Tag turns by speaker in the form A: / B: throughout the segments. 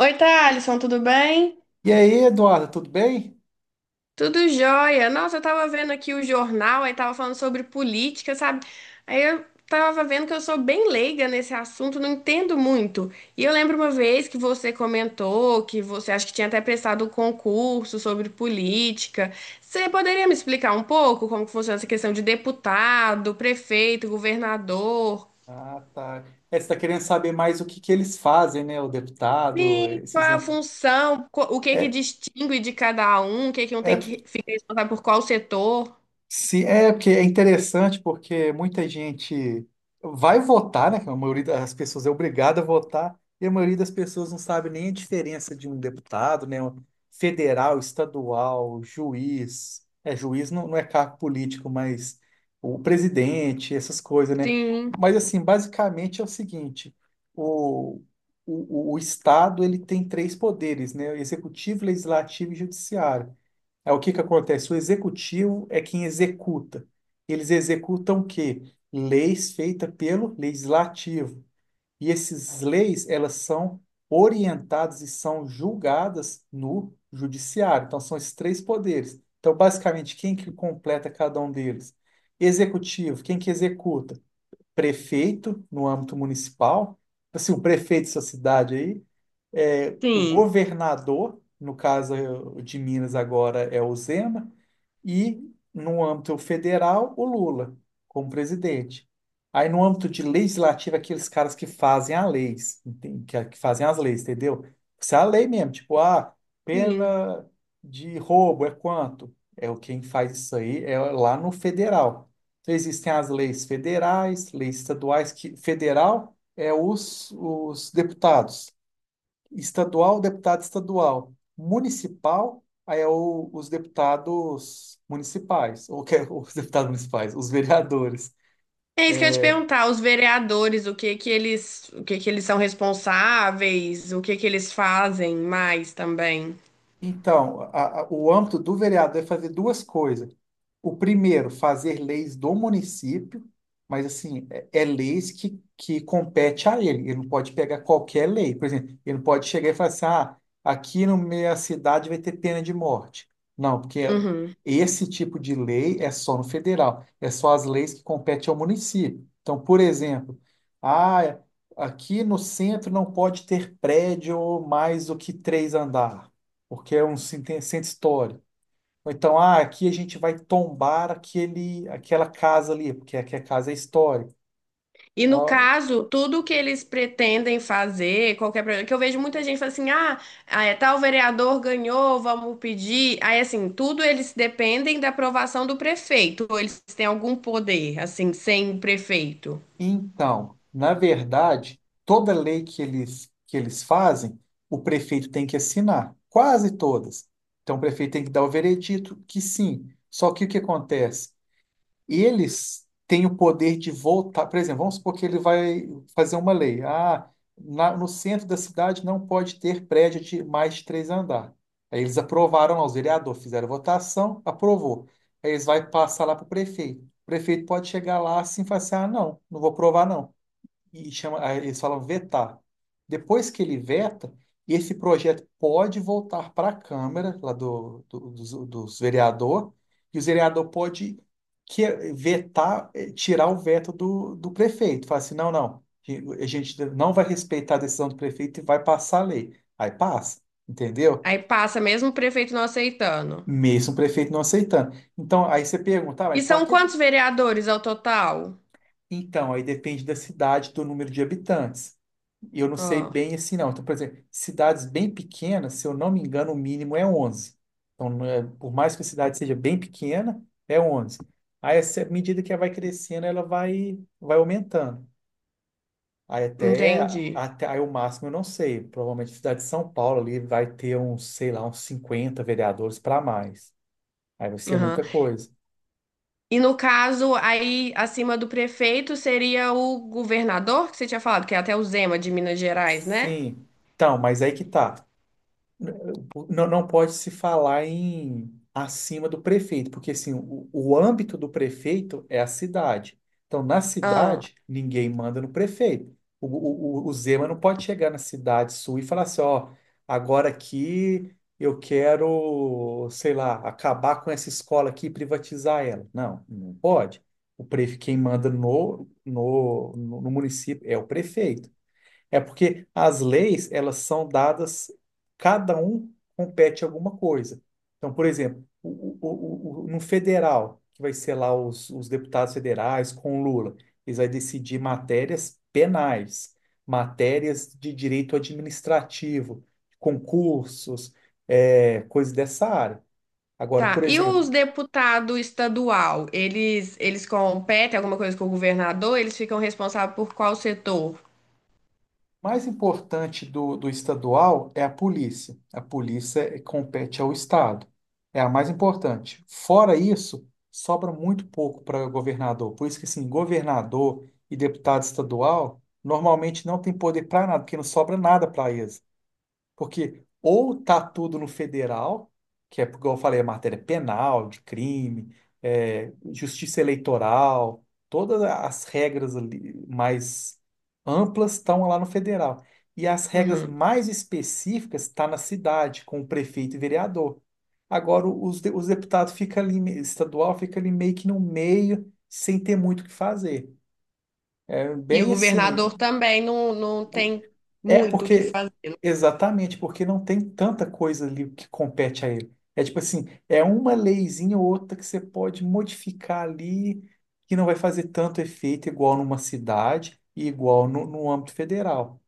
A: Oi, Thalisson, tudo bem?
B: E aí, Eduardo, tudo bem?
A: Tudo jóia. Nossa, eu tava vendo aqui o jornal, aí tava falando sobre política, sabe? Aí eu tava vendo que eu sou bem leiga nesse assunto, não entendo muito. E eu lembro uma vez que você comentou que você acho que tinha até prestado um concurso sobre política. Você poderia me explicar um pouco como que funciona essa questão de deputado, prefeito, governador?
B: Ah, tá. É, você está querendo saber mais o que que eles fazem, né? O deputado,
A: E qual
B: esses...
A: é a
B: no-
A: função, o que que
B: É,
A: distingue de cada um, o que que um tem
B: é
A: que ficar responsável por qual setor?
B: Sim, é porque é interessante porque muita gente vai votar, né? que A maioria das pessoas é obrigada a votar, e a maioria das pessoas não sabe nem a diferença de um deputado, né? Um federal, estadual, juiz. É, juiz não, não é cargo político, mas o presidente, essas coisas, né?
A: Sim,
B: Mas assim, basicamente é o seguinte: o, o Estado ele tem três poderes, né? Executivo, legislativo e judiciário. É o que que acontece? O executivo é quem executa. Eles executam o quê? Leis feitas pelo legislativo. E essas leis, elas são orientadas e são julgadas no judiciário. Então, são esses três poderes. Então, basicamente, quem que completa cada um deles? Executivo, quem que executa? Prefeito, no âmbito municipal. Assim, o prefeito da sua cidade aí, é, o
A: sim,
B: governador, no caso de Minas agora é o Zema, e no âmbito federal, o Lula como presidente. Aí no âmbito de legislativo, aqueles caras que fazem as leis, que que fazem as leis, entendeu? Isso é a lei mesmo, tipo, ah,
A: sim.
B: pena de roubo é quanto? É o quem faz isso aí, é lá no federal. Então existem as leis federais, leis estaduais, que federal é os deputados estadual, deputado estadual. Municipal, aí é os deputados municipais, ou que, é os deputados municipais, os vereadores.
A: É isso que eu ia te perguntar, os vereadores, o que que eles, o que que eles são responsáveis, o que que eles fazem mais também.
B: Então, o âmbito do vereador é fazer duas coisas. O primeiro, fazer leis do município, mas assim, é leis que compete a ele. Ele não pode pegar qualquer lei. Por exemplo, ele não pode chegar e falar assim, ah, aqui no meio da cidade vai ter pena de morte. Não, porque
A: Uhum.
B: esse tipo de lei é só no federal, é só as leis que competem ao município. Então, por exemplo, ah, aqui no centro não pode ter prédio mais do que três andares porque é um centro histórico. Ou então, ah, aqui a gente vai tombar aquela casa ali, porque aqui a casa é histórica.
A: E no
B: Ah.
A: caso, tudo que eles pretendem fazer, qualquer projeto, que eu vejo muita gente falando assim, ah, é, tal vereador ganhou, vamos pedir. Aí assim, tudo eles dependem da aprovação do prefeito, ou eles têm algum poder, assim, sem o prefeito.
B: Então, na verdade, toda lei que eles fazem, o prefeito tem que assinar, quase todas. Então, o prefeito tem que dar o veredito que sim. Só que o que acontece? E eles têm o poder de voltar. Por exemplo, vamos supor que ele vai fazer uma lei. Ah, no centro da cidade não pode ter prédio de mais de três andares. Aí eles aprovaram lá, os vereadores fizeram votação, aprovou. Aí eles vão passar lá para o prefeito. O prefeito pode chegar lá assim e falar assim: ah, não, não vou aprovar, não e chama, aí eles falam vetar. Depois que ele veta, esse projeto pode voltar para a Câmara, lá dos vereador, e o vereador pode que, tirar o veto do prefeito. Fala assim, não, não, a gente não vai respeitar a decisão do prefeito e vai passar a lei. Aí passa, entendeu?
A: Aí passa mesmo o prefeito não aceitando.
B: Mesmo o prefeito não aceitando. Então, aí você pergunta, ah,
A: E
B: mas para
A: são
B: que
A: quantos
B: que...
A: vereadores ao total?
B: Então, aí depende da cidade, do número de habitantes. E eu não sei
A: Ó,
B: bem assim, não. Então, por exemplo, cidades bem pequenas, se eu não me engano, o mínimo é 11. Então, não é- por mais que a cidade seja bem pequena, é 11. Aí, essa- à medida que ela vai crescendo, ela vai aumentando. Aí, até,
A: entendi.
B: até aí, o máximo eu não sei. Provavelmente, a cidade de São Paulo ali vai ter uns, sei lá, uns 50 vereadores para mais. Aí vai ser muita
A: Aham.
B: coisa.
A: E no caso, aí acima do prefeito seria o governador, que você tinha falado, que é até o Zema de Minas Gerais, né?
B: Sim. Então, mas aí que tá. Não, não pode se falar em acima do prefeito, porque assim, o âmbito do prefeito é a cidade. Então, na
A: Ah,
B: cidade, ninguém manda no prefeito. O Zema não pode chegar na cidade sul e falar assim, ó, agora aqui eu quero, sei lá, acabar com essa escola aqui e privatizar ela. Não, não pode. O prefeito, quem manda no município é o prefeito. É porque as leis, elas são dadas, cada um compete alguma coisa. Então, por exemplo, no federal, que vai ser lá os deputados federais com o Lula, eles vão decidir matérias penais, matérias de direito administrativo, concursos, é, coisas dessa área. Agora,
A: tá.
B: por
A: E
B: exemplo,
A: os deputados estadual, eles competem alguma coisa com o governador? Eles ficam responsáveis por qual setor?
B: mais importante do estadual é a polícia. A polícia compete ao estado. É a mais importante. Fora isso, sobra muito pouco para governador. Por isso que, assim, governador e deputado estadual normalmente não tem poder para nada, porque não sobra nada para eles. Porque ou tá tudo no federal, que é, como eu falei, a matéria penal, de crime, é, justiça eleitoral, todas as regras ali mais amplas estão lá no federal. E as regras
A: Uhum.
B: mais específicas estão na cidade, com o prefeito e vereador. Agora, os deputados fica ali, estadual fica ali meio que no meio, sem ter muito o que fazer. É
A: E o
B: bem
A: governador
B: assim,
A: também não, não tem
B: é
A: muito o que
B: porque,
A: fazer.
B: exatamente, porque não tem tanta coisa ali que compete a ele. É tipo assim, é uma leizinha ou outra que você pode modificar ali, que não vai fazer tanto efeito igual numa cidade e igual no âmbito federal.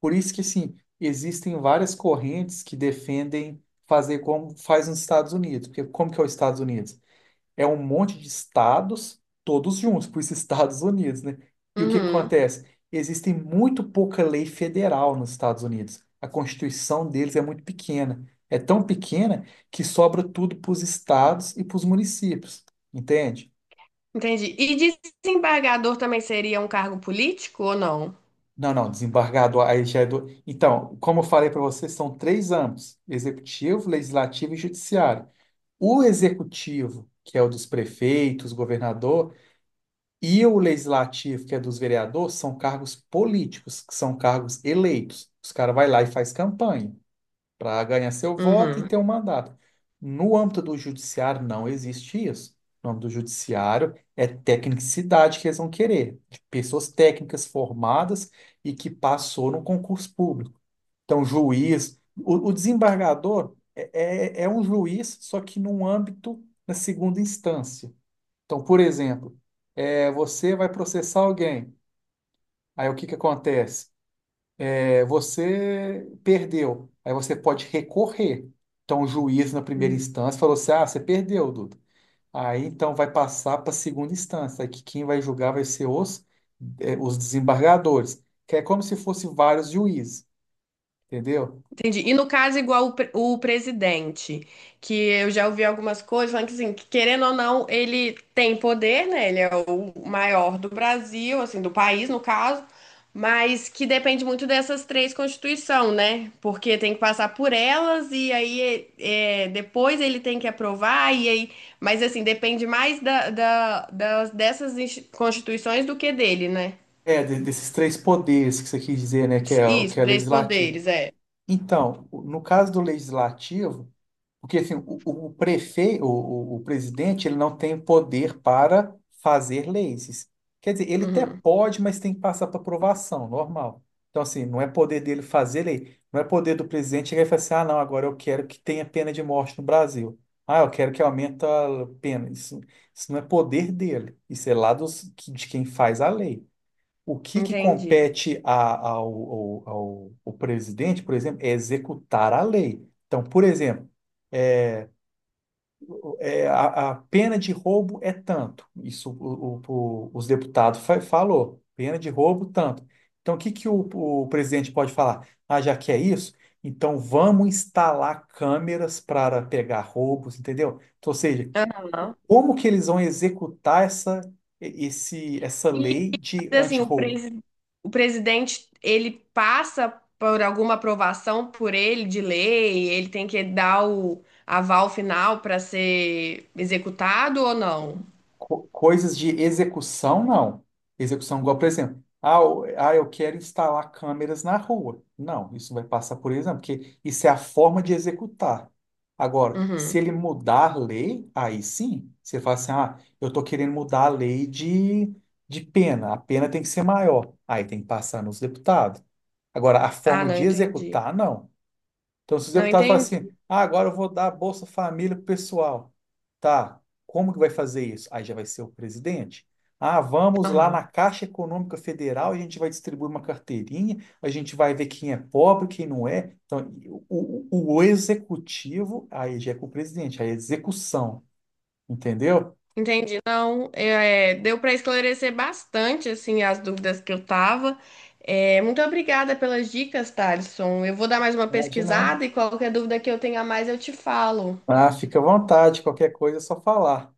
B: Por isso que, assim, existem várias correntes que defendem fazer como faz nos Estados Unidos. Porque como que é os Estados Unidos? É um monte de estados, todos juntos, por isso Estados Unidos, né? E o que que
A: Uhum.
B: acontece? Existem muito pouca lei federal nos Estados Unidos. A Constituição deles é muito pequena. É tão pequena que sobra tudo para os estados e para os municípios, entende?
A: Entendi. E desembargador também seria um cargo político ou não?
B: Não, não, desembargador, aí já é do... Então, como eu falei para vocês, são três âmbitos: executivo, legislativo e judiciário. O executivo, que é o dos prefeitos, governador, e o legislativo, que é dos vereadores, são cargos políticos, que são cargos eleitos. Os caras vai lá e faz campanha para ganhar seu voto e
A: Uhum,
B: ter um mandato. No âmbito do judiciário, não existe isso. No âmbito do judiciário, é tecnicidade que eles vão querer, de pessoas técnicas formadas e que passou no concurso público. Então, juiz, o desembargador é um juiz, só que num âmbito na segunda instância. Então, por exemplo, aí você vai processar alguém. Aí o que que acontece? É, você perdeu. Aí você pode recorrer. Então o juiz na primeira instância falou assim: "Ah, você perdeu, Duda". Aí então vai passar para a segunda instância, aí que quem vai julgar vai ser os desembargadores, que é como se fosse vários juízes, entendeu?
A: entendi. E no caso, igual o, o presidente, que eu já ouvi algumas coisas falando que, assim, que, querendo ou não, ele tem poder, né? Ele é o maior do Brasil, assim, do país, no caso, mas que depende muito dessas três constituições, né? Porque tem que passar por elas e aí é, é, depois ele tem que aprovar, e aí. Mas, assim, depende mais dessas constituições do que dele, né?
B: É, desses três poderes que você quis dizer, né, que é o que
A: Isso,
B: é
A: três
B: legislativo.
A: poderes, é.
B: Então, no caso do legislativo, porque assim, o prefeito, o presidente, ele não tem poder para fazer leis. Quer dizer, ele até
A: Uhum,
B: pode, mas tem que passar para aprovação, normal. Então, assim, não é poder dele fazer lei, não é poder do presidente chegar e falar assim, ah, não, agora eu quero que tenha pena de morte no Brasil. Ah, eu quero que aumente a pena. Isso, isso não é poder dele, isso é lá dos, de quem faz a lei. O que que
A: entendi.
B: compete ao presidente, por exemplo, é executar a lei. Então, por exemplo, é, a pena de roubo é tanto. Isso os deputados falou. Pena de roubo, tanto. Então, o que que o presidente pode falar? Ah, já que é isso, então vamos instalar câmeras para pegar roubos, entendeu? Então, ou seja,
A: Aham.
B: como que eles vão executar essa
A: E
B: lei de
A: assim,
B: antirroubo?
A: o presidente, ele passa por alguma aprovação por ele de lei, ele tem que dar o aval final para ser executado ou não?
B: Coisas de execução, não. Execução, igual, por exemplo, ah, eu quero instalar câmeras na rua. Não, isso vai passar por exemplo, porque isso é a forma de executar. Agora, se
A: Uhum.
B: ele mudar a lei, aí sim, você fala assim, ah, eu estou querendo mudar a lei de pena, a pena tem que ser maior, aí tem que passar nos deputados. Agora, a
A: Ah,
B: forma
A: não
B: de
A: entendi.
B: executar, não. Então, se os
A: Não
B: deputados falam assim,
A: entendi.
B: ah, agora eu vou dar Bolsa Família pro pessoal. Tá, como que vai fazer isso? Aí já vai ser o presidente. Ah, vamos lá
A: Aham.
B: na Caixa Econômica Federal, a gente vai distribuir uma carteirinha, a gente vai ver quem é pobre, quem não é. Então, o executivo, aí já é com o presidente, aí é execução, entendeu?
A: Entendi. Não, é, é, deu para esclarecer bastante assim as dúvidas que eu tava. É, muito obrigada pelas dicas, Thalisson. Eu vou dar mais uma
B: Ah, de nada.
A: pesquisada e qualquer dúvida que eu tenha mais eu te falo.
B: Ah, fica à vontade, qualquer coisa é só falar.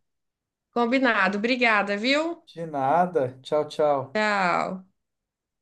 A: Combinado. Obrigada, viu?
B: De nada. Tchau, tchau.
A: Tchau.